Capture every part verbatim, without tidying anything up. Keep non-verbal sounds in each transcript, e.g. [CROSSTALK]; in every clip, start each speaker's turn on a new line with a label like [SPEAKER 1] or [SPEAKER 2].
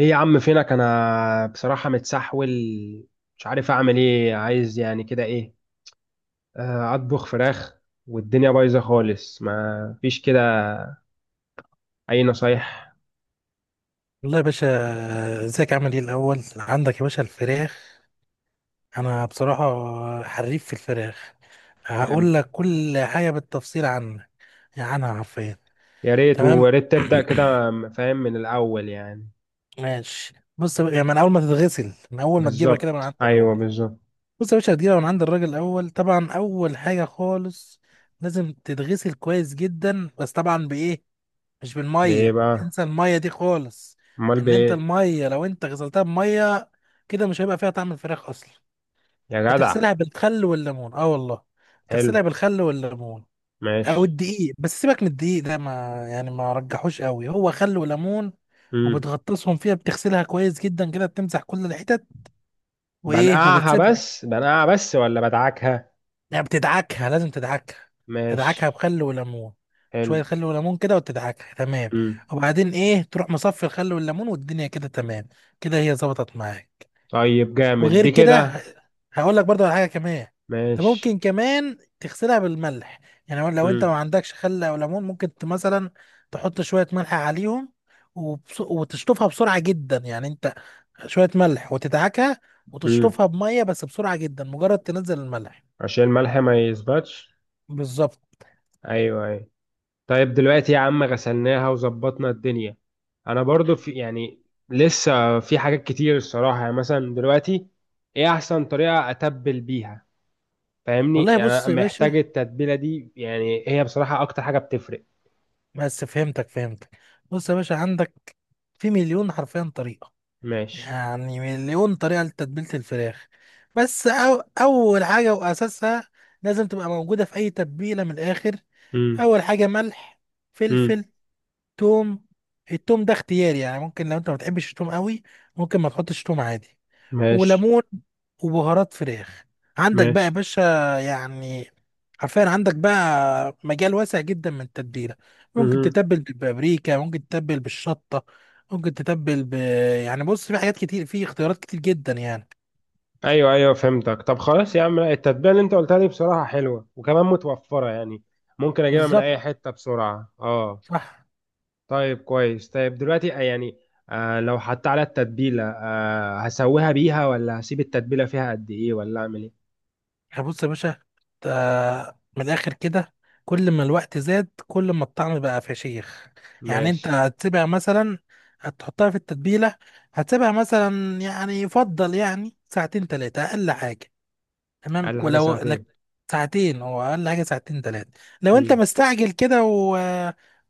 [SPEAKER 1] ايه يا عم؟ فينك؟ انا بصراحة متسحول، مش عارف اعمل ايه. عايز يعني كده ايه، آه، اطبخ فراخ. والدنيا بايظة خالص، ما فيش كده اي نصايح.
[SPEAKER 2] والله يا باشا، ازيك؟ عامل ايه الاول؟ عندك يا باشا الفراخ، انا بصراحه حريف في الفراخ.
[SPEAKER 1] جامد.
[SPEAKER 2] هقول لك كل حاجه بالتفصيل عنها. يعني انا عارفين.
[SPEAKER 1] يا ريت،
[SPEAKER 2] تمام.
[SPEAKER 1] ويا ريت تبدأ كده.
[SPEAKER 2] [CLEARS THROAT]
[SPEAKER 1] فاهم من الاول يعني.
[SPEAKER 2] ماشي، بص يا باشا- يعني من اول ما تتغسل، من اول ما تجيبها كده من
[SPEAKER 1] بالظبط،
[SPEAKER 2] عند
[SPEAKER 1] ايوه
[SPEAKER 2] الراجل.
[SPEAKER 1] بالظبط.
[SPEAKER 2] بص يا باشا، هتجيبها من عند الراجل الاول. طبعا اول حاجه خالص لازم تتغسل كويس جدا، بس طبعا بايه؟ مش
[SPEAKER 1] بايه
[SPEAKER 2] بالميه،
[SPEAKER 1] بقى؟
[SPEAKER 2] انسى الميه دي خالص.
[SPEAKER 1] امال
[SPEAKER 2] ان انت
[SPEAKER 1] بايه؟
[SPEAKER 2] الميه لو انت غسلتها بميه كده، مش هيبقى فيها طعم الفراخ اصلا.
[SPEAKER 1] يا جدع.
[SPEAKER 2] هتغسلها بالخل والليمون، اه والله،
[SPEAKER 1] حلو.
[SPEAKER 2] تغسلها بالخل والليمون. او
[SPEAKER 1] ماشي.
[SPEAKER 2] الدقيق، بس سيبك من الدقيق ده، ما يعني ما رجحوش قوي، هو خل وليمون.
[SPEAKER 1] امم
[SPEAKER 2] وبتغطسهم فيها، بتغسلها كويس جدا كده، بتمسح كل الحتت وايه،
[SPEAKER 1] بنقعها
[SPEAKER 2] وبتسيبها.
[SPEAKER 1] بس بنقعها بس ولا بدعكها؟
[SPEAKER 2] يعني بتدعكها، لازم تدعكها، تدعكها
[SPEAKER 1] ماشي.
[SPEAKER 2] بخل وليمون.
[SPEAKER 1] حلو.
[SPEAKER 2] شوية خل وليمون كده وتدعكها، تمام.
[SPEAKER 1] امم
[SPEAKER 2] وبعدين ايه، تروح مصفي الخل والليمون والدنيا كده، تمام. كده هي ظبطت معاك.
[SPEAKER 1] طيب، جامد
[SPEAKER 2] وغير
[SPEAKER 1] دي
[SPEAKER 2] كده
[SPEAKER 1] كده.
[SPEAKER 2] ه- هقول لك برضه على حاجة كمان. انت
[SPEAKER 1] ماشي.
[SPEAKER 2] ممكن كمان تغسلها بالملح. يعني لو انت ما
[SPEAKER 1] امم
[SPEAKER 2] عندكش خل او ليمون، ممكن ت- مثلا تحط شوية ملح عليهم، وبس... وتشطفها بسرعة جدا. يعني انت شوية ملح وتدعكها،
[SPEAKER 1] امم
[SPEAKER 2] وتشطفها بمية بس بسرعة جدا، مجرد تنزل الملح.
[SPEAKER 1] عشان الملح ما يثبتش.
[SPEAKER 2] بالظبط.
[SPEAKER 1] ايوه، ايوه. طيب دلوقتي يا عم غسلناها وظبطنا الدنيا. انا برضو في يعني، لسه في حاجات كتير الصراحه، يعني مثلا دلوقتي، ايه احسن طريقه اتبل بيها؟
[SPEAKER 2] والله
[SPEAKER 1] فاهمني، انا
[SPEAKER 2] بص يا باشا،
[SPEAKER 1] محتاج التتبيله دي يعني. هي بصراحه اكتر حاجه بتفرق.
[SPEAKER 2] بس فهمتك فهمتك بص يا باشا، عندك في مليون حرفيا طريقة،
[SPEAKER 1] ماشي.
[SPEAKER 2] يعني مليون طريقة لتتبيلة الفراخ. بس أو أول حاجة وأساسها، لازم تبقى موجودة في أي تتبيلة من الآخر.
[SPEAKER 1] امم
[SPEAKER 2] أول حاجة ملح،
[SPEAKER 1] امم
[SPEAKER 2] فلفل، توم. التوم ده اختياري، يعني ممكن لو انت ما بتحبش التوم قوي، ممكن ما تحطش توم عادي.
[SPEAKER 1] ماشي.
[SPEAKER 2] وليمون، وبهارات فراخ. عندك بقى يا
[SPEAKER 1] ماشي.
[SPEAKER 2] باشا، يعني حرفيا عندك بقى مجال واسع جدا من التتبيله. ممكن
[SPEAKER 1] امم
[SPEAKER 2] تتبل بالبابريكا، ممكن تتبل بالشطه، ممكن تتبل ب يعني بص، في حاجات كتير، في اختيارات كتير جدا يعني.
[SPEAKER 1] ايوه ايوه، فهمتك. طب خلاص يا عم. لا، التتبيله اللي انت قلتها دي بصراحه حلوه، وكمان متوفره يعني. ممكن اجيبها من
[SPEAKER 2] بالظبط.
[SPEAKER 1] اي حته بسرعه. اه.
[SPEAKER 2] صح.
[SPEAKER 1] طيب كويس. طيب دلوقتي آه، يعني، آه لو حطيت على التتبيلة، آه هسويها بيها؟ ولا هسيب التتبيلة فيها قد ايه؟ ولا اعمل ايه؟
[SPEAKER 2] احنا بص يا باشا، آه، من الاخر كده، كل ما الوقت زاد، كل ما الطعم بقى فشيخ. يعني
[SPEAKER 1] ماشي.
[SPEAKER 2] انت هتسيبها مثلا، هتحطها في التتبيله، هتسيبها مثلا، يعني يفضل يعني ساعتين ثلاثه اقل حاجه. تمام.
[SPEAKER 1] اقل حاجة
[SPEAKER 2] ولو
[SPEAKER 1] ساعتين؟
[SPEAKER 2] لك ساعتين، هو اقل حاجه ساعتين ثلاثه. لو انت
[SPEAKER 1] مم.
[SPEAKER 2] مستعجل كده و...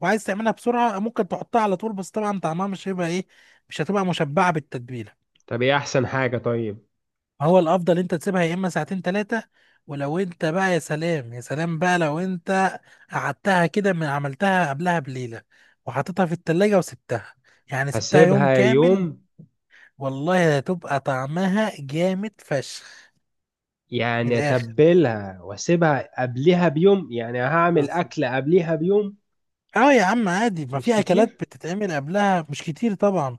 [SPEAKER 2] وعايز تعملها بسرعه، ممكن تحطها على طول. بس طبعا طعمها مش هيبقى ايه، مش هتبقى مشبعه بالتتبيله.
[SPEAKER 1] طب ايه احسن حاجة؟ طيب.
[SPEAKER 2] هو الافضل انت تسيبها يا اما ساعتين ثلاثه، ولو انت بقى يا سلام يا سلام بقى، لو انت قعدتها كده، من عملتها قبلها بليله وحطيتها في التلاجة وسبتها، يعني سبتها يوم
[SPEAKER 1] هسيبها
[SPEAKER 2] كامل،
[SPEAKER 1] يوم؟
[SPEAKER 2] والله هتبقى طعمها جامد فشخ. من
[SPEAKER 1] يعني
[SPEAKER 2] الاخر
[SPEAKER 1] اتبلها واسيبها قبلها بيوم، يعني هعمل
[SPEAKER 2] بس.
[SPEAKER 1] اكل قبلها بيوم.
[SPEAKER 2] اه يا عم عادي، ما
[SPEAKER 1] مش
[SPEAKER 2] في اكلات
[SPEAKER 1] كتير.
[SPEAKER 2] بتتعمل قبلها، مش كتير طبعا.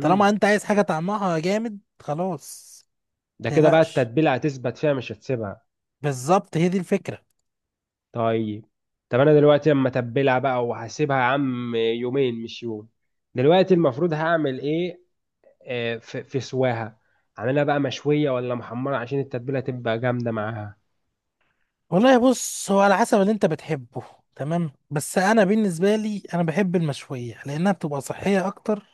[SPEAKER 2] طالما انت عايز حاجه طعمها جامد، خلاص
[SPEAKER 1] ده كده بقى
[SPEAKER 2] متقلقش.
[SPEAKER 1] التتبيلة هتثبت فيها، مش هتسيبها.
[SPEAKER 2] بالظبط، هي دي الفكره.
[SPEAKER 1] طيب. طب انا دلوقتي اما اتبلها بقى وهسيبها يا عم يومين مش يوم، دلوقتي المفروض هعمل ايه؟ آه، في في سواها، اعملها بقى مشويه ولا محمره عشان التتبيله تبقى جامده معاها؟
[SPEAKER 2] والله بص، هو على حسب اللي انت بتحبه، تمام. بس انا بالنسبه لي، انا بحب المشويه لانها بتبقى صحيه اكتر،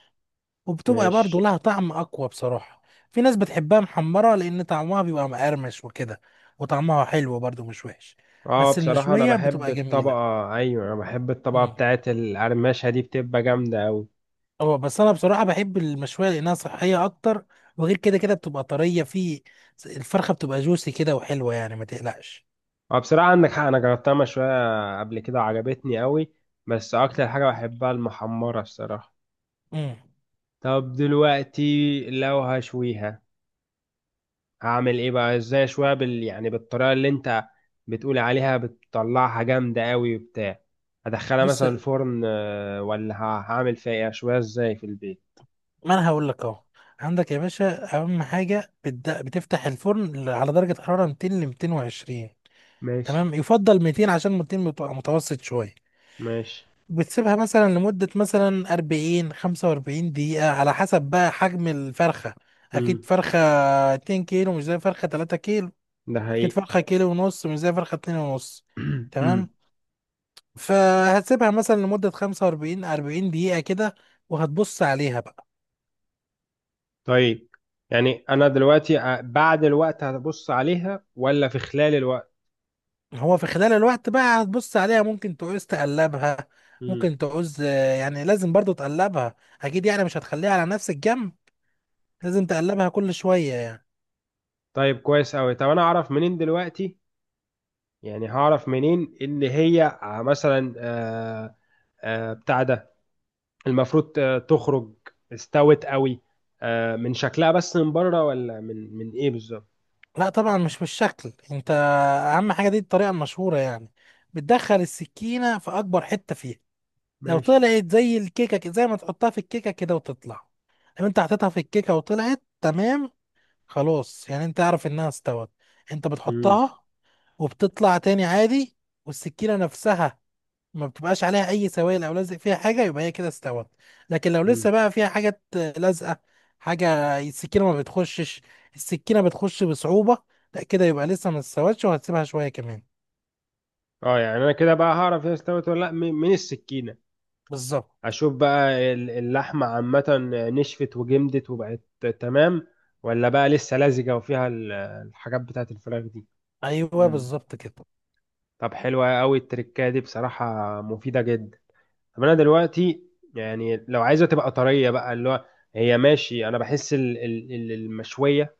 [SPEAKER 2] وبتبقى برضه
[SPEAKER 1] ماشي.
[SPEAKER 2] لها طعم اقوى بصراحه. في ناس بتحبها محمره، لان طعمها بيبقى مقرمش وكده، وطعمها حلو برضه مش وحش.
[SPEAKER 1] اه،
[SPEAKER 2] بس
[SPEAKER 1] بصراحه انا
[SPEAKER 2] المشويه
[SPEAKER 1] بحب
[SPEAKER 2] بتبقى
[SPEAKER 1] الطبقه.
[SPEAKER 2] جميله.
[SPEAKER 1] ايوه، انا بحب الطبقه
[SPEAKER 2] امم.
[SPEAKER 1] بتاعت القرمشه دي، بتبقى جامده قوي.
[SPEAKER 2] هو بس انا بصراحه بحب المشويه لانها صحيه اكتر، وغير كده كده بتبقى طريه في، الفرخه بتبقى جوسي كده وحلوه، يعني ما تقلقش.
[SPEAKER 1] اه، بصراحه عندك حق، انا جربتها مشويه قبل كده وعجبتني قوي. بس اكتر حاجه بحبها المحمره الصراحه.
[SPEAKER 2] امم.
[SPEAKER 1] طب دلوقتي، لو هشويها، اعمل ايه بقى؟ ازاي شويه بال يعني بالطريقه اللي انت بتقول عليها، بتطلعها جامده قوي وبتاع؟ هدخلها
[SPEAKER 2] بص،
[SPEAKER 1] مثلا الفرن، آه، ولا ه- هعمل فيها إيه؟ شويه ازاي في البيت؟
[SPEAKER 2] ما انا هقول لك اهو. عندك يا باشا اهم حاجه، بتد... بتفتح الفرن ل- على درجه حراره مئتين ل مئتين وعشرين.
[SPEAKER 1] ماشي.
[SPEAKER 2] تمام، يفضل مئتين، عشان مئتين بتبقى متوسط شويه.
[SPEAKER 1] ماشي.
[SPEAKER 2] بتسيبها مثلا لمده مثلا أربعين خمسة وأربعين دقيقه، على حسب بقى حجم الفرخه. اكيد
[SPEAKER 1] امم
[SPEAKER 2] فرخه اتنين كيلو مش زي فرخه تلاته كيلو.
[SPEAKER 1] ده
[SPEAKER 2] اكيد
[SPEAKER 1] حقيقي.
[SPEAKER 2] فرخه كيلو ونص مش زي فرخه اتنين ونص.
[SPEAKER 1] [CLEARS THROAT]
[SPEAKER 2] تمام.
[SPEAKER 1] امم
[SPEAKER 2] فهتسيبها مثلا لمده خمسة وأربعين أربعين دقيقه كده، وهتبص عليها بقى.
[SPEAKER 1] طيب. يعني انا دلوقتي آه، بعد الوقت هبص عليها؟ ولا في خلال الوقت؟
[SPEAKER 2] هو في خلال الوقت بقى هتبص عليها، ممكن تعوز تقلبها،
[SPEAKER 1] امم
[SPEAKER 2] ممكن تعوز آه، يعني لازم برضو تقلبها. اكيد يعني مش هتخليها على نفس الجنب، لازم تقلبها كل شوية يعني.
[SPEAKER 1] طيب كويس قوي. طب انا اعرف منين دلوقتي؟ يعني هعرف منين ان هي آه، مثلا، آه، آه، بتاع ده، المفروض ت- تخرج، استوت قوي؟ آه، من شكلها بس من بره؟ ولا من من ايه بالظبط؟
[SPEAKER 2] لا طبعا مش بالشكل انت. اهم حاجة، دي الطريقة المشهورة يعني، بتدخل السكينة في اكبر حتة فيها. لو
[SPEAKER 1] ماشي.
[SPEAKER 2] طلعت زي الكيكة كده- زي ما تحطها في الكيكة كده وتطلع، لو انت حطيتها في الكيكة وطلعت تمام، خلاص يعني انت عارف انها استوت. انت
[SPEAKER 1] مم.
[SPEAKER 2] بتحطها وبتطلع تاني عادي، والسكينة نفسها ما بتبقاش عليها اي سوائل او لازق فيها حاجه، يبقى هي كده استوت. لكن لو
[SPEAKER 1] مم.
[SPEAKER 2] لسه بقى فيها حاجات لازقه، حاجه السكينه ما بتخشش، السكينه بتخش بصعوبه، لا كده يبقى لسه ما استوتش، وهتسيبها شويه كمان.
[SPEAKER 1] اه، يعني انا كده بقى هعرف هي استوت ولا لا من من السكينه.
[SPEAKER 2] بالظبط.
[SPEAKER 1] اشوف بقى ال- اللحمه عامه، آه، نشفت وجمدت وبقت تمام؟ ولا بقى لسه لزجه وفيها ال- الحاجات بتاعت الفراخ دي؟
[SPEAKER 2] ايوه،
[SPEAKER 1] مم.
[SPEAKER 2] بالظبط كده.
[SPEAKER 1] طب، حلوه قوي التركه دي بصراحه، مفيده جدا. طب انا دلوقتي، يعني لو عايزه تبقى طريه بقى، اللي هو، هي ماشي، انا بحس ال- ال- ال- المشويه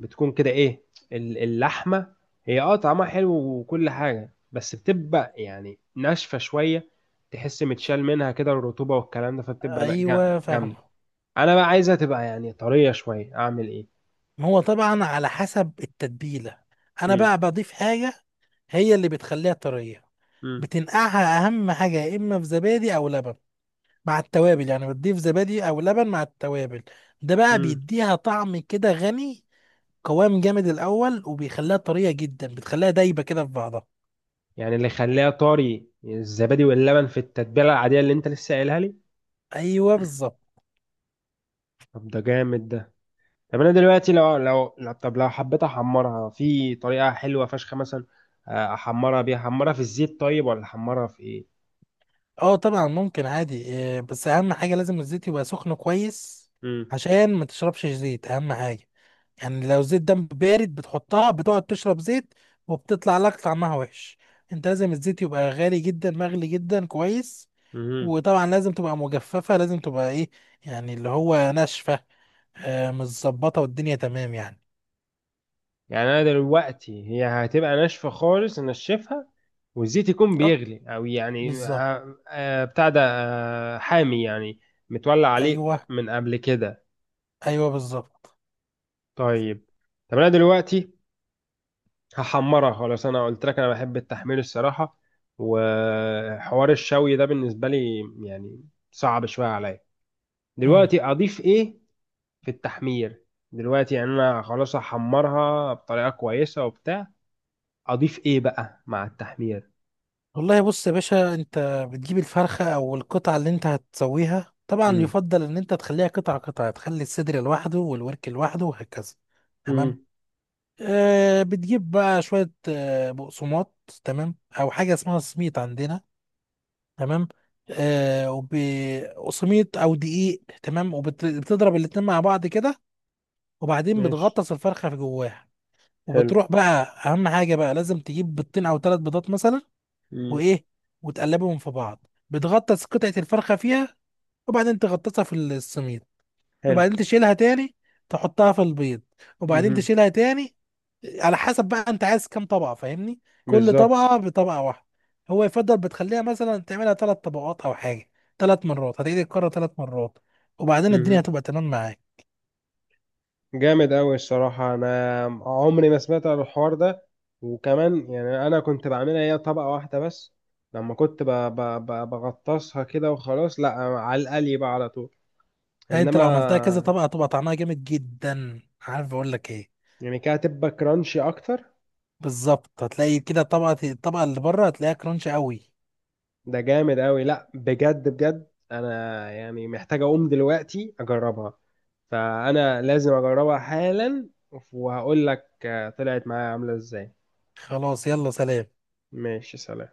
[SPEAKER 1] بتكون كده ايه، ال- اللحمه، هي اه طعمها حلو وكل حاجه، بس بتبقى يعني ناشفه شويه، تحس متشال منها كده الرطوبه والكلام ده، فبتبقى نا- جا-
[SPEAKER 2] ايوه
[SPEAKER 1] جامده.
[SPEAKER 2] فاهمه.
[SPEAKER 1] انا بقى عايزها تبقى يعني طريه شويه، اعمل ايه؟
[SPEAKER 2] ما هو طبعا على حسب التتبيله. انا
[SPEAKER 1] امم
[SPEAKER 2] بقى بضيف حاجه هي اللي بتخليها طريه.
[SPEAKER 1] امم
[SPEAKER 2] بتنقعها، اهم حاجه، يا اما في زبادي او لبن مع التوابل. يعني بتضيف زبادي او لبن مع التوابل، ده بقى
[SPEAKER 1] امم
[SPEAKER 2] بيديها طعم كده غني، قوام جامد الاول، وبيخليها طريه جدا، بتخليها دايبه كده في بعضها.
[SPEAKER 1] يعني اللي يخليها طري الزبادي واللبن في التتبيله العاديه اللي انت لسه قايلها لي؟
[SPEAKER 2] ايوه بالظبط.
[SPEAKER 1] طب ده جامد ده. طب انا دلوقتي لو لو لو- طب لو حبيت احمرها في طريقه حلوه فشخه مثلا، آه، احمرها بيها، احمرها في الزيت؟ طيب، ولا احمرها في ايه؟
[SPEAKER 2] اه طبعا ممكن عادي، آه، بس اهم حاجه لازم الزيت يبقى سخن كويس،
[SPEAKER 1] امم
[SPEAKER 2] عشان ما تشربش زيت، اهم حاجه. يعني لو الزيت ده بارد بتحطها، بتقعد تشرب زيت، وبتطلع لك طعمها وحش. انت لازم الزيت يبقى غالي جدا، مغلي جدا كويس.
[SPEAKER 1] امم
[SPEAKER 2] وطبعا لازم تبقى مجففة، لازم تبقى ايه، يعني اللي هو ناشفة، آه متظبطة والدنيا تمام يعني.
[SPEAKER 1] يعني انا دلوقتي هي هتبقى ناشفه خالص، انشفها، والزيت يكون
[SPEAKER 2] اه
[SPEAKER 1] بيغلي، او يعني
[SPEAKER 2] بالظبط.
[SPEAKER 1] آه، آه، بتاع ده، آه، حامي يعني، متولع عليه
[SPEAKER 2] ايوه
[SPEAKER 1] من قبل كده؟
[SPEAKER 2] ايوه بالظبط.
[SPEAKER 1] طيب. طب انا دلوقتي هحمرها خلاص، انا قلت لك انا بحب التحمير الصراحه. وحوار الشوي ده بالنسبه لي يعني صعب شويه عليا.
[SPEAKER 2] مم.
[SPEAKER 1] دلوقتي اضيف ايه في التحمير؟ دلوقتي يعني انا خلاص هحمرها بطريقه كويسه وبتاع، اضيف ايه بقى مع التحمير؟
[SPEAKER 2] والله بص يا باشا، انت بتجيب الفرخة او القطعة اللي انت هتسويها. طبعا
[SPEAKER 1] امم
[SPEAKER 2] يفضل ان انت تخليها قطعة قطعة، تخلي الصدر لوحده والورك لوحده وهكذا. تمام.
[SPEAKER 1] امم
[SPEAKER 2] آه، بتجيب بقى شوية آه بقسماط. تمام. او حاجة اسمها سميط عندنا. تمام. آه، وبقسميط او دقيق، تمام، وبتضرب الاتنين مع بعض كده، وبعدين
[SPEAKER 1] ماشي.
[SPEAKER 2] بتغطس الفرخه في جواها.
[SPEAKER 1] حلو.
[SPEAKER 2] وبتروح بقى، اهم حاجه بقى لازم تجيب بيضتين او ثلاث بيضات مثلا.
[SPEAKER 1] امم
[SPEAKER 2] وايه، وتقلبهم في بعض، بتغطس قطعه الفرخه فيها، وبعدين تغطسها في السميد،
[SPEAKER 1] حلو.
[SPEAKER 2] وبعدين تشيلها تاني، تحطها في البيض، وبعدين
[SPEAKER 1] امم
[SPEAKER 2] تشيلها تاني. على حسب بقى انت عايز كام طبقة، فاهمني، كل
[SPEAKER 1] بالظبط.
[SPEAKER 2] طبقة بطبقة واحدة. هو يفضل بتخليها مثلا تعملها ثلاث طبقات او حاجة، ثلاث مرات، هتعيد الكرة ثلاث مرات، وبعدين الدنيا هتبقى تمام معاك.
[SPEAKER 1] جامد أوي الصراحة، أنا عمري ما سمعت عن الحوار ده. وكمان يعني أنا كنت بعملها هي طبقة واحدة بس، لما كنت ب- ب- ب- بغطسها كده وخلاص. لا، على القلي بقى على طول،
[SPEAKER 2] لا انت لو عملتها كذا
[SPEAKER 1] إنما.
[SPEAKER 2] طبقة، هتبقى طعمها جامد جدا. عارف اقول لك ايه؟
[SPEAKER 1] يعني كده هتبقى كرانشي أكتر؟
[SPEAKER 2] بالظبط، هتلاقي كده طبقة، الطبقة اللي بره هتلاقيها كرانش قوي.
[SPEAKER 1] ده جامد أوي. لا بجد بجد، أنا يعني محتاج أقوم دلوقتي أجربها، فأنا لازم أجربها حالا. وهقول لك آه، طلعت معايا عاملة إزاي.
[SPEAKER 2] خلاص، يلا سلام.
[SPEAKER 1] ماشي. سلام.